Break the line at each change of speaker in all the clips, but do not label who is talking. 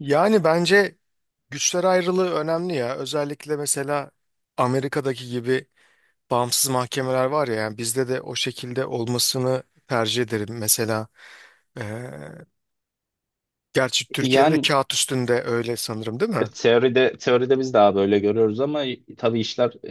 Yani bence güçler ayrılığı önemli ya. Özellikle mesela Amerika'daki gibi bağımsız mahkemeler var ya. Yani bizde de o şekilde olmasını tercih ederim. Mesela e, gerçi Türkiye'de de
Yani
kağıt üstünde öyle sanırım, değil mi?
teoride teoride biz daha böyle görüyoruz ama tabii işler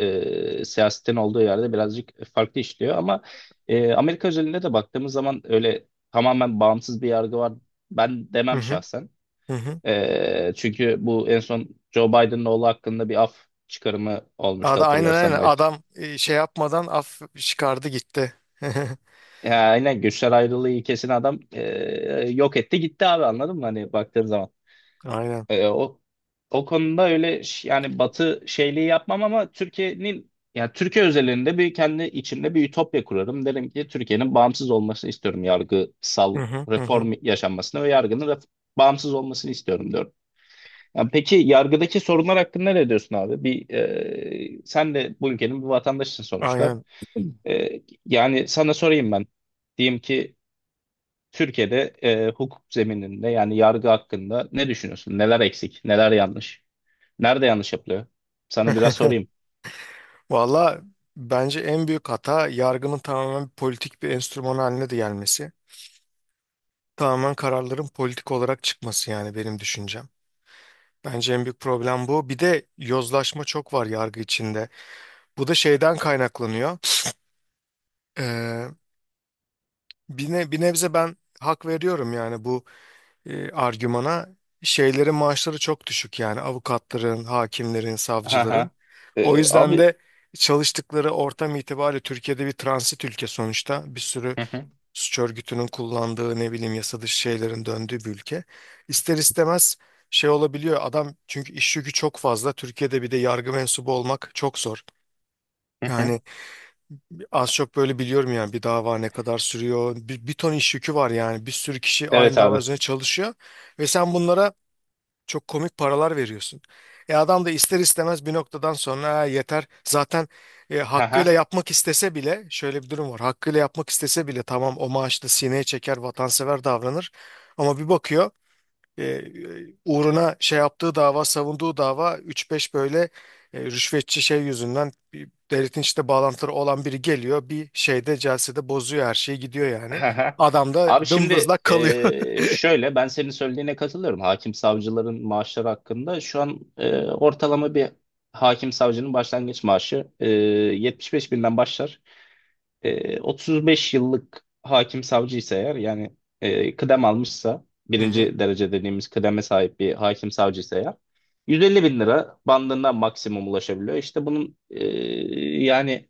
siyasetin olduğu yerde birazcık farklı işliyor ama Amerika özelinde de baktığımız zaman öyle tamamen bağımsız bir yargı var ben
Hı
demem
hı.
şahsen.
Hı hı.
Çünkü bu en son Joe Biden'ın oğlu hakkında bir af çıkarımı olmuştu
Aynen
hatırlarsan
aynen,
belki.
adam şey yapmadan af çıkardı gitti.
Ya aynen güçler ayrılığı ilkesini adam yok etti gitti abi anladın mı hani baktığın zaman.
Aynen.
E, o o konuda öyle yani Batı şeyliği yapmam ama Türkiye'nin yani Türkiye özelinde bir kendi içimde bir ütopya kurarım. Derim ki Türkiye'nin bağımsız olmasını istiyorum.
Hı
Yargısal
hı hı hı.
reform yaşanmasını ve yargının bağımsız olmasını istiyorum diyorum. Yani peki yargıdaki sorunlar hakkında ne diyorsun abi? Bir sen de bu ülkenin bir vatandaşısın sonuçta.
Aynen.
Yani sana sorayım ben. Diyeyim ki Türkiye'de hukuk zemininde yani yargı hakkında ne düşünüyorsun? Neler eksik, neler yanlış? Nerede yanlış yapılıyor? Sana biraz sorayım.
Valla bence en büyük hata yargının tamamen politik bir enstrüman haline de gelmesi. Tamamen kararların politik olarak çıkması, yani benim düşüncem. Bence en büyük problem bu. Bir de yozlaşma çok var yargı içinde. Bu da şeyden kaynaklanıyor. Ee, Bir nebze ben hak veriyorum, yani bu argümana. Şeylerin maaşları çok düşük, yani avukatların, hakimlerin,
Ha
savcıların.
ha.
O yüzden
Abi.
de çalıştıkları ortam itibariyle Türkiye'de bir transit ülke sonuçta. Bir sürü
Hı hı,
suç örgütünün kullandığı, ne bileyim, yasa dışı şeylerin döndüğü bir ülke. İster istemez şey olabiliyor adam, çünkü iş yükü çok fazla. Türkiye'de bir de yargı mensubu olmak çok zor.
hı hı.
Yani az çok böyle biliyorum, yani bir dava ne kadar sürüyor. Bir ton iş yükü var, yani bir sürü kişi aynı
Evet
dava
abi.
üzerine çalışıyor. Ve sen bunlara çok komik paralar veriyorsun. E adam da ister istemez bir noktadan sonra "Ha, yeter. Zaten
Ha ha.
hakkıyla yapmak istese bile şöyle bir durum var. Hakkıyla yapmak istese bile tamam, o maaşla sineye çeker, vatansever davranır. Ama bir bakıyor, e, e, uğruna şey yaptığı dava, savunduğu dava 3-5 böyle rüşvetçi şey yüzünden bir devletin işte bağlantıları olan biri geliyor. Bir şeyde, celsede bozuyor her şeyi, gidiyor yani.
Ha ha.
Adam
Abi
da
şimdi
dımdızlak kalıyor.
şöyle ben senin söylediğine katılıyorum. Hakim savcıların maaşları hakkında şu an ortalama bir hakim savcının başlangıç maaşı 75 binden başlar. 35 yıllık hakim savcıysa eğer yani kıdem almışsa
Hı hı.
birinci derece dediğimiz kıdeme sahip bir hakim savcıysa eğer 150 bin lira bandında maksimum ulaşabiliyor. İşte bunun yani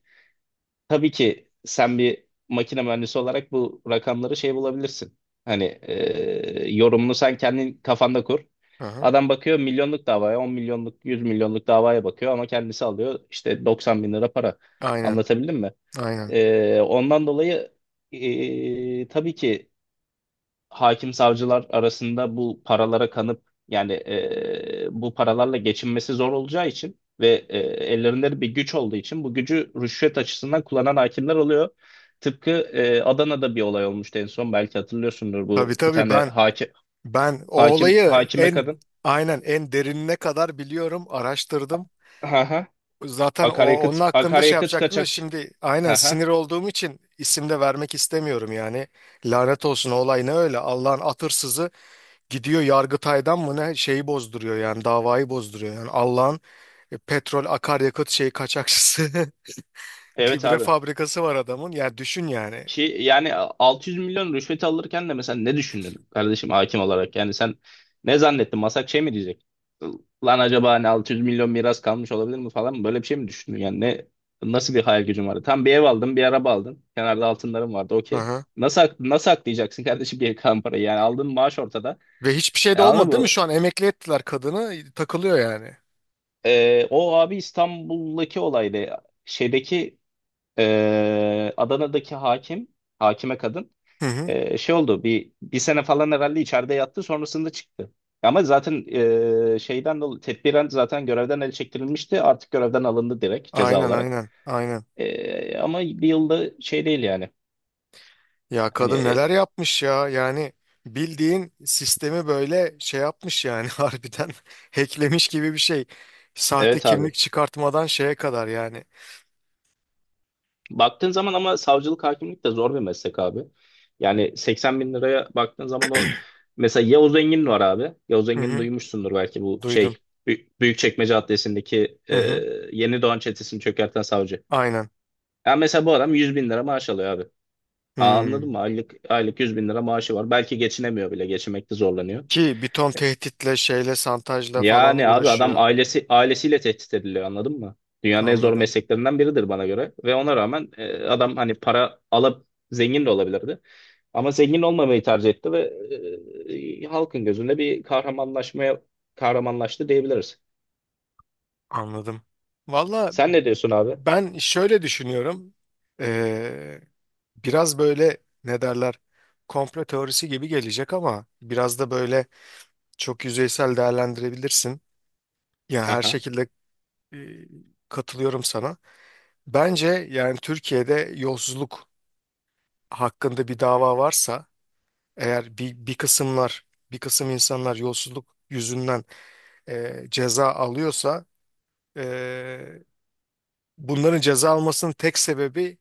tabii ki sen bir makine mühendisi olarak bu rakamları şey bulabilirsin. Hani yorumunu sen kendin kafanda kur.
Aha.
Adam bakıyor milyonluk davaya, 10 milyonluk, 100 milyonluk davaya bakıyor ama kendisi alıyor işte 90 bin lira para.
Aynen.
Anlatabildim mi?
Aynen.
Ondan dolayı tabii ki hakim savcılar arasında bu paralara kanıp yani bu paralarla geçinmesi zor olacağı için ve ellerinde bir güç olduğu için bu gücü rüşvet açısından kullanan hakimler oluyor. Tıpkı Adana'da bir olay olmuştu en son belki hatırlıyorsundur
Tabii
bu bir
tabii,
tane
ben
hakim
ben o
hakim
olayı
hakime
en
kadın.
aynen en derinine kadar biliyorum, araştırdım.
Ha ha.
Zaten o
Akaryakıt
onun hakkında şey
akaryakıt
yapacaktım da
kaçak.
şimdi, aynen,
Ha ha.
sinir olduğum için isim de vermek istemiyorum yani. Lanet olsun, o olay ne öyle, Allah'ın atırsızı gidiyor Yargıtay'dan mı ne şeyi bozduruyor, yani davayı bozduruyor, yani Allah'ın petrol akaryakıt şeyi kaçakçısı,
Evet
gübre
abi.
fabrikası var adamın, yani düşün yani.
Ki yani 600 milyon rüşvet alırken de mesela ne düşündün kardeşim hakim olarak? Yani sen ne zannettin? Masak şey mi diyecek? Lan acaba hani 600 milyon miras kalmış olabilir mi falan mı? Böyle bir şey mi düşündün? Yani nasıl bir hayal gücün vardı? Tam bir ev aldın, bir araba aldın. Kenarda altınların vardı. Okey.
Aha.
Nasıl aklayacaksın kardeşim bir kalan parayı? Yani aldığın maaş ortada.
Ve hiçbir şey de
Anladın
olmadı, değil mi?
mı?
Şu an emekli ettiler kadını, takılıyor yani.
O abi İstanbul'daki olaydı. Şeydeki Adana'daki hakim, hakime kadın.
Hı hı.
Şey oldu bir sene falan herhalde içeride yattı sonrasında çıktı. Ama zaten şeyden dolayı tedbiren zaten görevden el çektirilmişti. Artık görevden alındı direkt ceza
Aynen
olarak.
aynen aynen.
Ama bir yılda şey değil yani.
Ya
Hani,
kadın neler yapmış ya, yani bildiğin sistemi böyle şey yapmış yani, harbiden hacklemiş gibi bir şey. Sahte
evet abi.
kimlik çıkartmadan şeye kadar yani.
Baktığın zaman ama savcılık hakimlik de zor bir meslek abi. Yani 80 bin liraya baktığın zaman o mesela Yavuz Engin var abi. Yavuz
Hı
Engin'i
hı,
duymuşsundur belki bu şey
duydum.
Büyükçekmece Adliyesi'ndeki
Hı hı,
Yeni Doğan çetesini çökerten savcı.
aynen.
Ya mesela bu adam 100 bin lira maaş alıyor abi. Aa. Anladın
Hmm.
mı? Aylık, aylık 100 bin lira maaşı var. Belki geçinemiyor bile. Geçinmekte zorlanıyor.
Ki bir ton tehditle, şeyle, santajla falan
Yani abi adam
uğraşıyor.
ailesiyle tehdit ediliyor anladın mı? Dünyanın en zor
Anladım,
mesleklerinden biridir bana göre. Ve ona rağmen adam hani para alıp zengin de olabilirdi. Ama zengin olmamayı tercih etti ve halkın gözünde bir kahramanlaştı diyebiliriz.
anladım. Valla
Sen ne diyorsun abi?
ben şöyle düşünüyorum. Ee, Biraz böyle, ne derler, komplo teorisi gibi gelecek ama biraz da böyle. Çok yüzeysel değerlendirebilirsin. Yani her
Aha,
şekilde e, katılıyorum sana. Bence yani Türkiye'de yolsuzluk hakkında bir dava varsa eğer, bir kısım insanlar yolsuzluk yüzünden ceza alıyorsa, e, bunların ceza almasının tek sebebi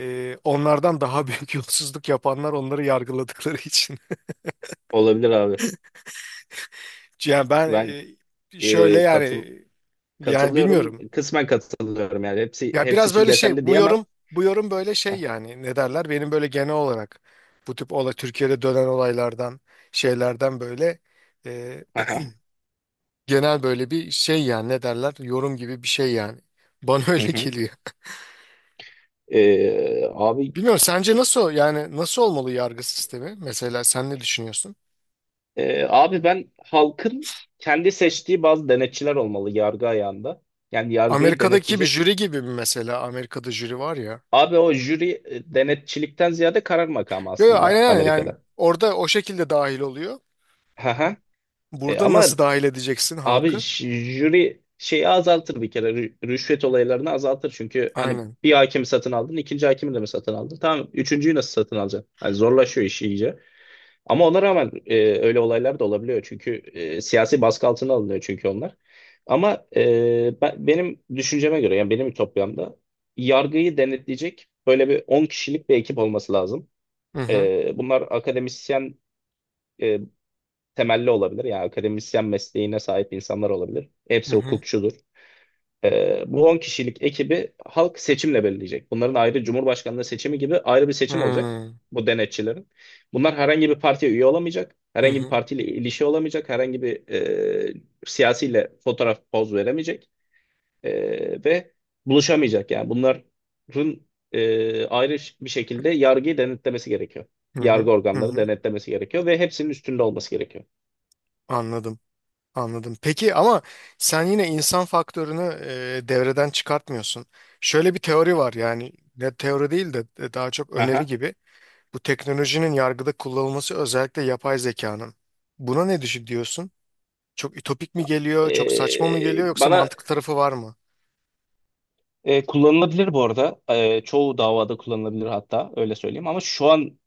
onlardan daha büyük yolsuzluk yapanlar onları yargıladıkları için.
olabilir abi.
Yani ben
Ben
şöyle
e,
yani
katıl
yani
katılıyorum.
bilmiyorum.
Kısmen katılıyorum yani. Hepsi
Ya
hepsi
biraz
için
böyle şey,
geçerli diyemem.
bu yorum böyle şey
Hah.
yani, ne derler, benim böyle genel olarak bu tip olay Türkiye'de dönen olaylardan, şeylerden böyle e,
Aha.
genel böyle bir şey yani, ne derler, yorum gibi bir şey yani, bana
Hı
öyle
hı.
geliyor.
Ee, abi
Bilmiyorum, sence nasıl, yani nasıl olmalı yargı sistemi, mesela sen ne düşünüyorsun?
Abi ben halkın kendi seçtiği bazı denetçiler olmalı yargı ayağında. Yani yargıyı
Amerika'daki bir
denetleyecek.
jüri gibi mi mesela? Amerika'da jüri var ya.
Abi o jüri denetçilikten ziyade karar makamı
Yo yo, aynen
aslında
aynen. Yani
Amerika'da.
orada o şekilde dahil oluyor.
Aha.
Burada nasıl
Ama
dahil edeceksin
abi
halkı?
jüri şeyi azaltır bir kere, rüşvet olaylarını azaltır, çünkü hani
Aynen.
bir hakimi satın aldın, ikinci hakimi de mi satın aldın, tamam, üçüncüyü nasıl satın alacaksın? Hani zorlaşıyor iş iyice. Ama ona rağmen öyle olaylar da olabiliyor. Çünkü siyasi baskı altına alınıyor çünkü onlar. Ama benim düşünceme göre yani benim ütopyamda yargıyı denetleyecek böyle bir 10 kişilik bir ekip olması lazım.
Hı hı.
Bunlar akademisyen e, temelli olabilir. Yani akademisyen mesleğine sahip insanlar olabilir.
Hı
Hepsi
hı.
hukukçudur. Bu 10 kişilik ekibi halk seçimle belirleyecek. Bunların, ayrı Cumhurbaşkanlığı seçimi gibi, ayrı bir seçim olacak
Hmm.
bu denetçilerin. Bunlar herhangi bir partiye üye olamayacak.
Hı
Herhangi bir
hı,
partiyle ilişki olamayacak. Herhangi bir siyasiyle fotoğraf poz veremeyecek. Ve buluşamayacak. Yani bunların ayrı bir şekilde yargıyı denetlemesi gerekiyor.
hı hı,
Yargı
hı hı.
organları denetlemesi gerekiyor ve hepsinin üstünde olması gerekiyor.
Anladım, anladım. Peki ama sen yine insan faktörünü devreden çıkartmıyorsun. Şöyle bir teori var, yani ne teori değil de daha çok öneri
Aha.
gibi. Bu teknolojinin yargıda kullanılması, özellikle yapay zekanın. Buna ne düşün diyorsun? Çok ütopik mi geliyor, çok saçma mı
E,
geliyor, yoksa
bana
mantıklı tarafı var mı?
Kullanılabilir bu arada. Çoğu davada kullanılabilir, hatta öyle söyleyeyim. Ama şu an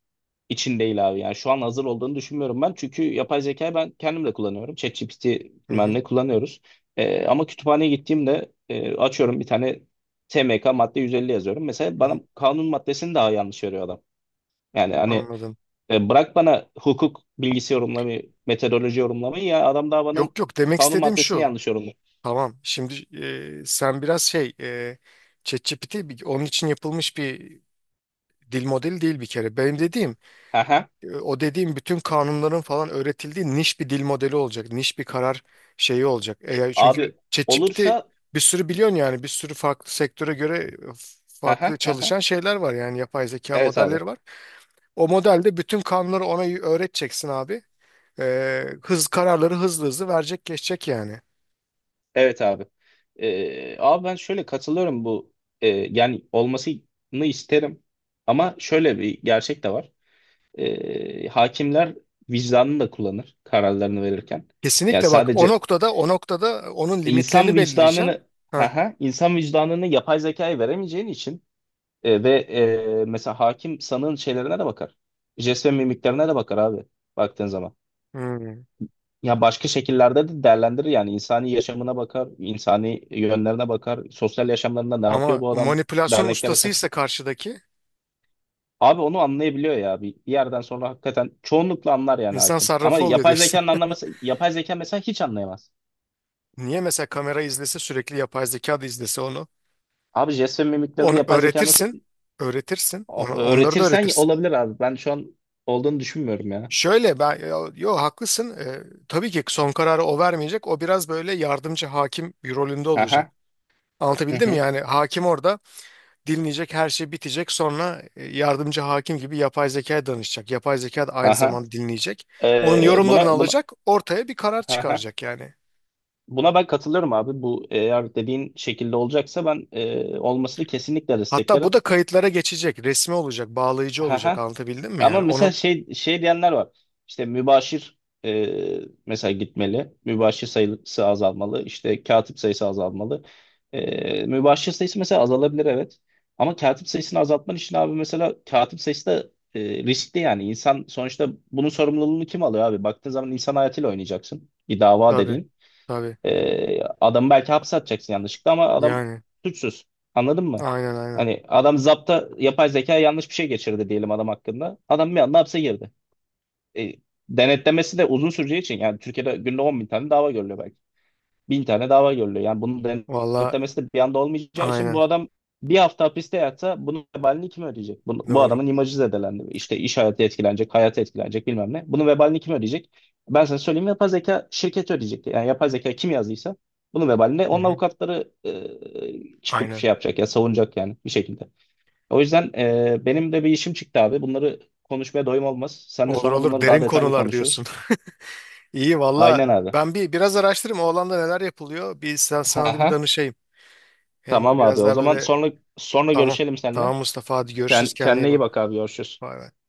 için değil abi. Yani şu an hazır olduğunu düşünmüyorum ben. Çünkü yapay zekayı ben kendim de kullanıyorum. ChatGPT
Hı
bilmem
hı,
ne kullanıyoruz. Ama kütüphaneye gittiğimde açıyorum, bir tane TMK madde 150 yazıyorum mesela,
hı hı.
bana kanun maddesini daha yanlış veriyor adam. Yani hani
Anladım.
bırak bana hukuk bilgisi yorumlamayı, metodoloji yorumlamayı, ya adam daha bana
Yok yok, demek
kanun
istediğim
maddesini
şu.
yanlış yorumluyor.
Tamam şimdi, sen biraz şey, ChatGPT onun için yapılmış bir dil modeli değil bir kere. Benim dediğim
Hı hı.
o dediğim, bütün kanunların falan öğretildiği niş bir dil modeli olacak. Niş bir karar şeyi olacak. Çünkü
Abi
ChatGPT
olursa
bir sürü biliyorsun, yani bir sürü farklı sektöre göre
hı hı
farklı
hı hı.
çalışan şeyler var, yani yapay zeka
Evet abi.
modelleri var. O modelde bütün kanunları ona öğreteceksin abi. E, hız Kararları hızlı hızlı verecek, geçecek yani.
Evet abi. Abi ben şöyle katılıyorum bu yani olmasını isterim, ama şöyle bir gerçek de var. Hakimler vicdanını da kullanır kararlarını verirken. Yani
Kesinlikle, bak, o
sadece
noktada, onun limitlerini
insan
belirleyeceğim.
vicdanını,
Ha.
insan vicdanını yapay zekaya veremeyeceğin için ve mesela hakim sanığın şeylerine de bakar. Jest ve mimiklerine de bakar abi, baktığın zaman.
Hmm.
Ya başka şekillerde de değerlendirir yani, insani yaşamına bakar, insani yönlerine bakar, sosyal yaşamlarında ne yapıyor
Ama
bu adam,
manipülasyon
derneklere kat.
ustasıysa karşıdaki.
Abi onu anlayabiliyor ya, bir yerden sonra hakikaten çoğunlukla anlar yani
İnsan
hakim. Ama
sarrafı oluyor
yapay
diyorsun.
zekanın anlaması, yapay zeka mesela hiç anlayamaz.
Niye mesela kamera izlese sürekli, yapay zeka da izlese onu.
Abi jest ve mimiklerini
Onu
yapay zeka nasıl
öğretirsin. Öğretirsin. Onu, onları da
öğretirsen
öğretirsin.
olabilir abi. Ben şu an olduğunu düşünmüyorum ya.
Şöyle ben, yo, yo, haklısın. Tabii ki son kararı o vermeyecek. O biraz böyle yardımcı hakim bir rolünde olacak.
Aha. Hı
Anlatabildim mi?
hı.
Yani hakim orada dinleyecek, her şey bitecek, sonra yardımcı hakim gibi yapay zekaya danışacak. Yapay zeka da aynı
Aha.
zamanda dinleyecek. Onun
Buna
yorumlarını
buna
alacak, ortaya bir karar
aha.
çıkaracak yani.
Buna ben katılırım abi. Bu eğer dediğin şekilde olacaksa ben olmasını kesinlikle
Hatta bu
desteklerim.
da kayıtlara geçecek. Resmi olacak, bağlayıcı olacak.
Haha.
Anlatabildim mi
Ama
yani?
mesela şey şey diyenler var. İşte mübaşir e, mesela gitmeli. Mübaşir sayısı azalmalı. İşte katip sayısı azalmalı. Mübaşir sayısı mesela azalabilir, evet. Ama katip sayısını azaltman için abi, mesela katip sayısı da riskli yani. İnsan sonuçta bunun sorumluluğunu kim alıyor abi? Baktığın zaman insan hayatıyla oynayacaksın. Bir dava
Tabii
dediğin.
tabii,
Adamı belki hapse atacaksın yanlışlıkla, ama adam
yani
suçsuz. Anladın mı?
aynen aynen.
Hani adam, zapta yapay zeka yanlış bir şey geçirdi diyelim adam hakkında. Adam bir anda hapse girdi. E, Denetlemesi de uzun süreceği için, yani Türkiye'de günde 10 bin tane dava görülüyor belki, bin tane dava görülüyor. Yani bunu
Valla,
denetlemesi de bir anda olmayacağı için, bu
aynen,
adam bir hafta hapiste yatsa bunun vebalini kim ödeyecek? Bu
doğru.
adamın imajı zedelendi. İşte iş hayatı etkilenecek, hayatı etkilenecek, bilmem ne. Bunun vebalini kim ödeyecek? Ben sana söyleyeyim, yapay zeka şirketi ödeyecek. Yani yapay zeka kim yazdıysa bunun vebalini
Hı
onun
hı.
avukatları çıkıp
Aynen.
şey yapacak ya, savunacak yani bir şekilde. O yüzden benim de bir işim çıktı abi. Bunları konuşmaya doyum olmaz. Seninle
Olur
sonra
olur,
bunları daha
derin
detaylı
konular diyorsun.
konuşuruz.
İyi valla,
Aynen abi.
ben biraz araştırayım o alanda neler yapılıyor. Sana da bir danışayım. Hem
Tamam abi.
biraz
O
daha
zaman
böyle,
sonra sonra
tamam.
görüşelim seninle.
Tamam Mustafa, hadi görüşürüz, kendine iyi
Kendine iyi
bak.
bak abi. Görüşürüz.
Bay bay.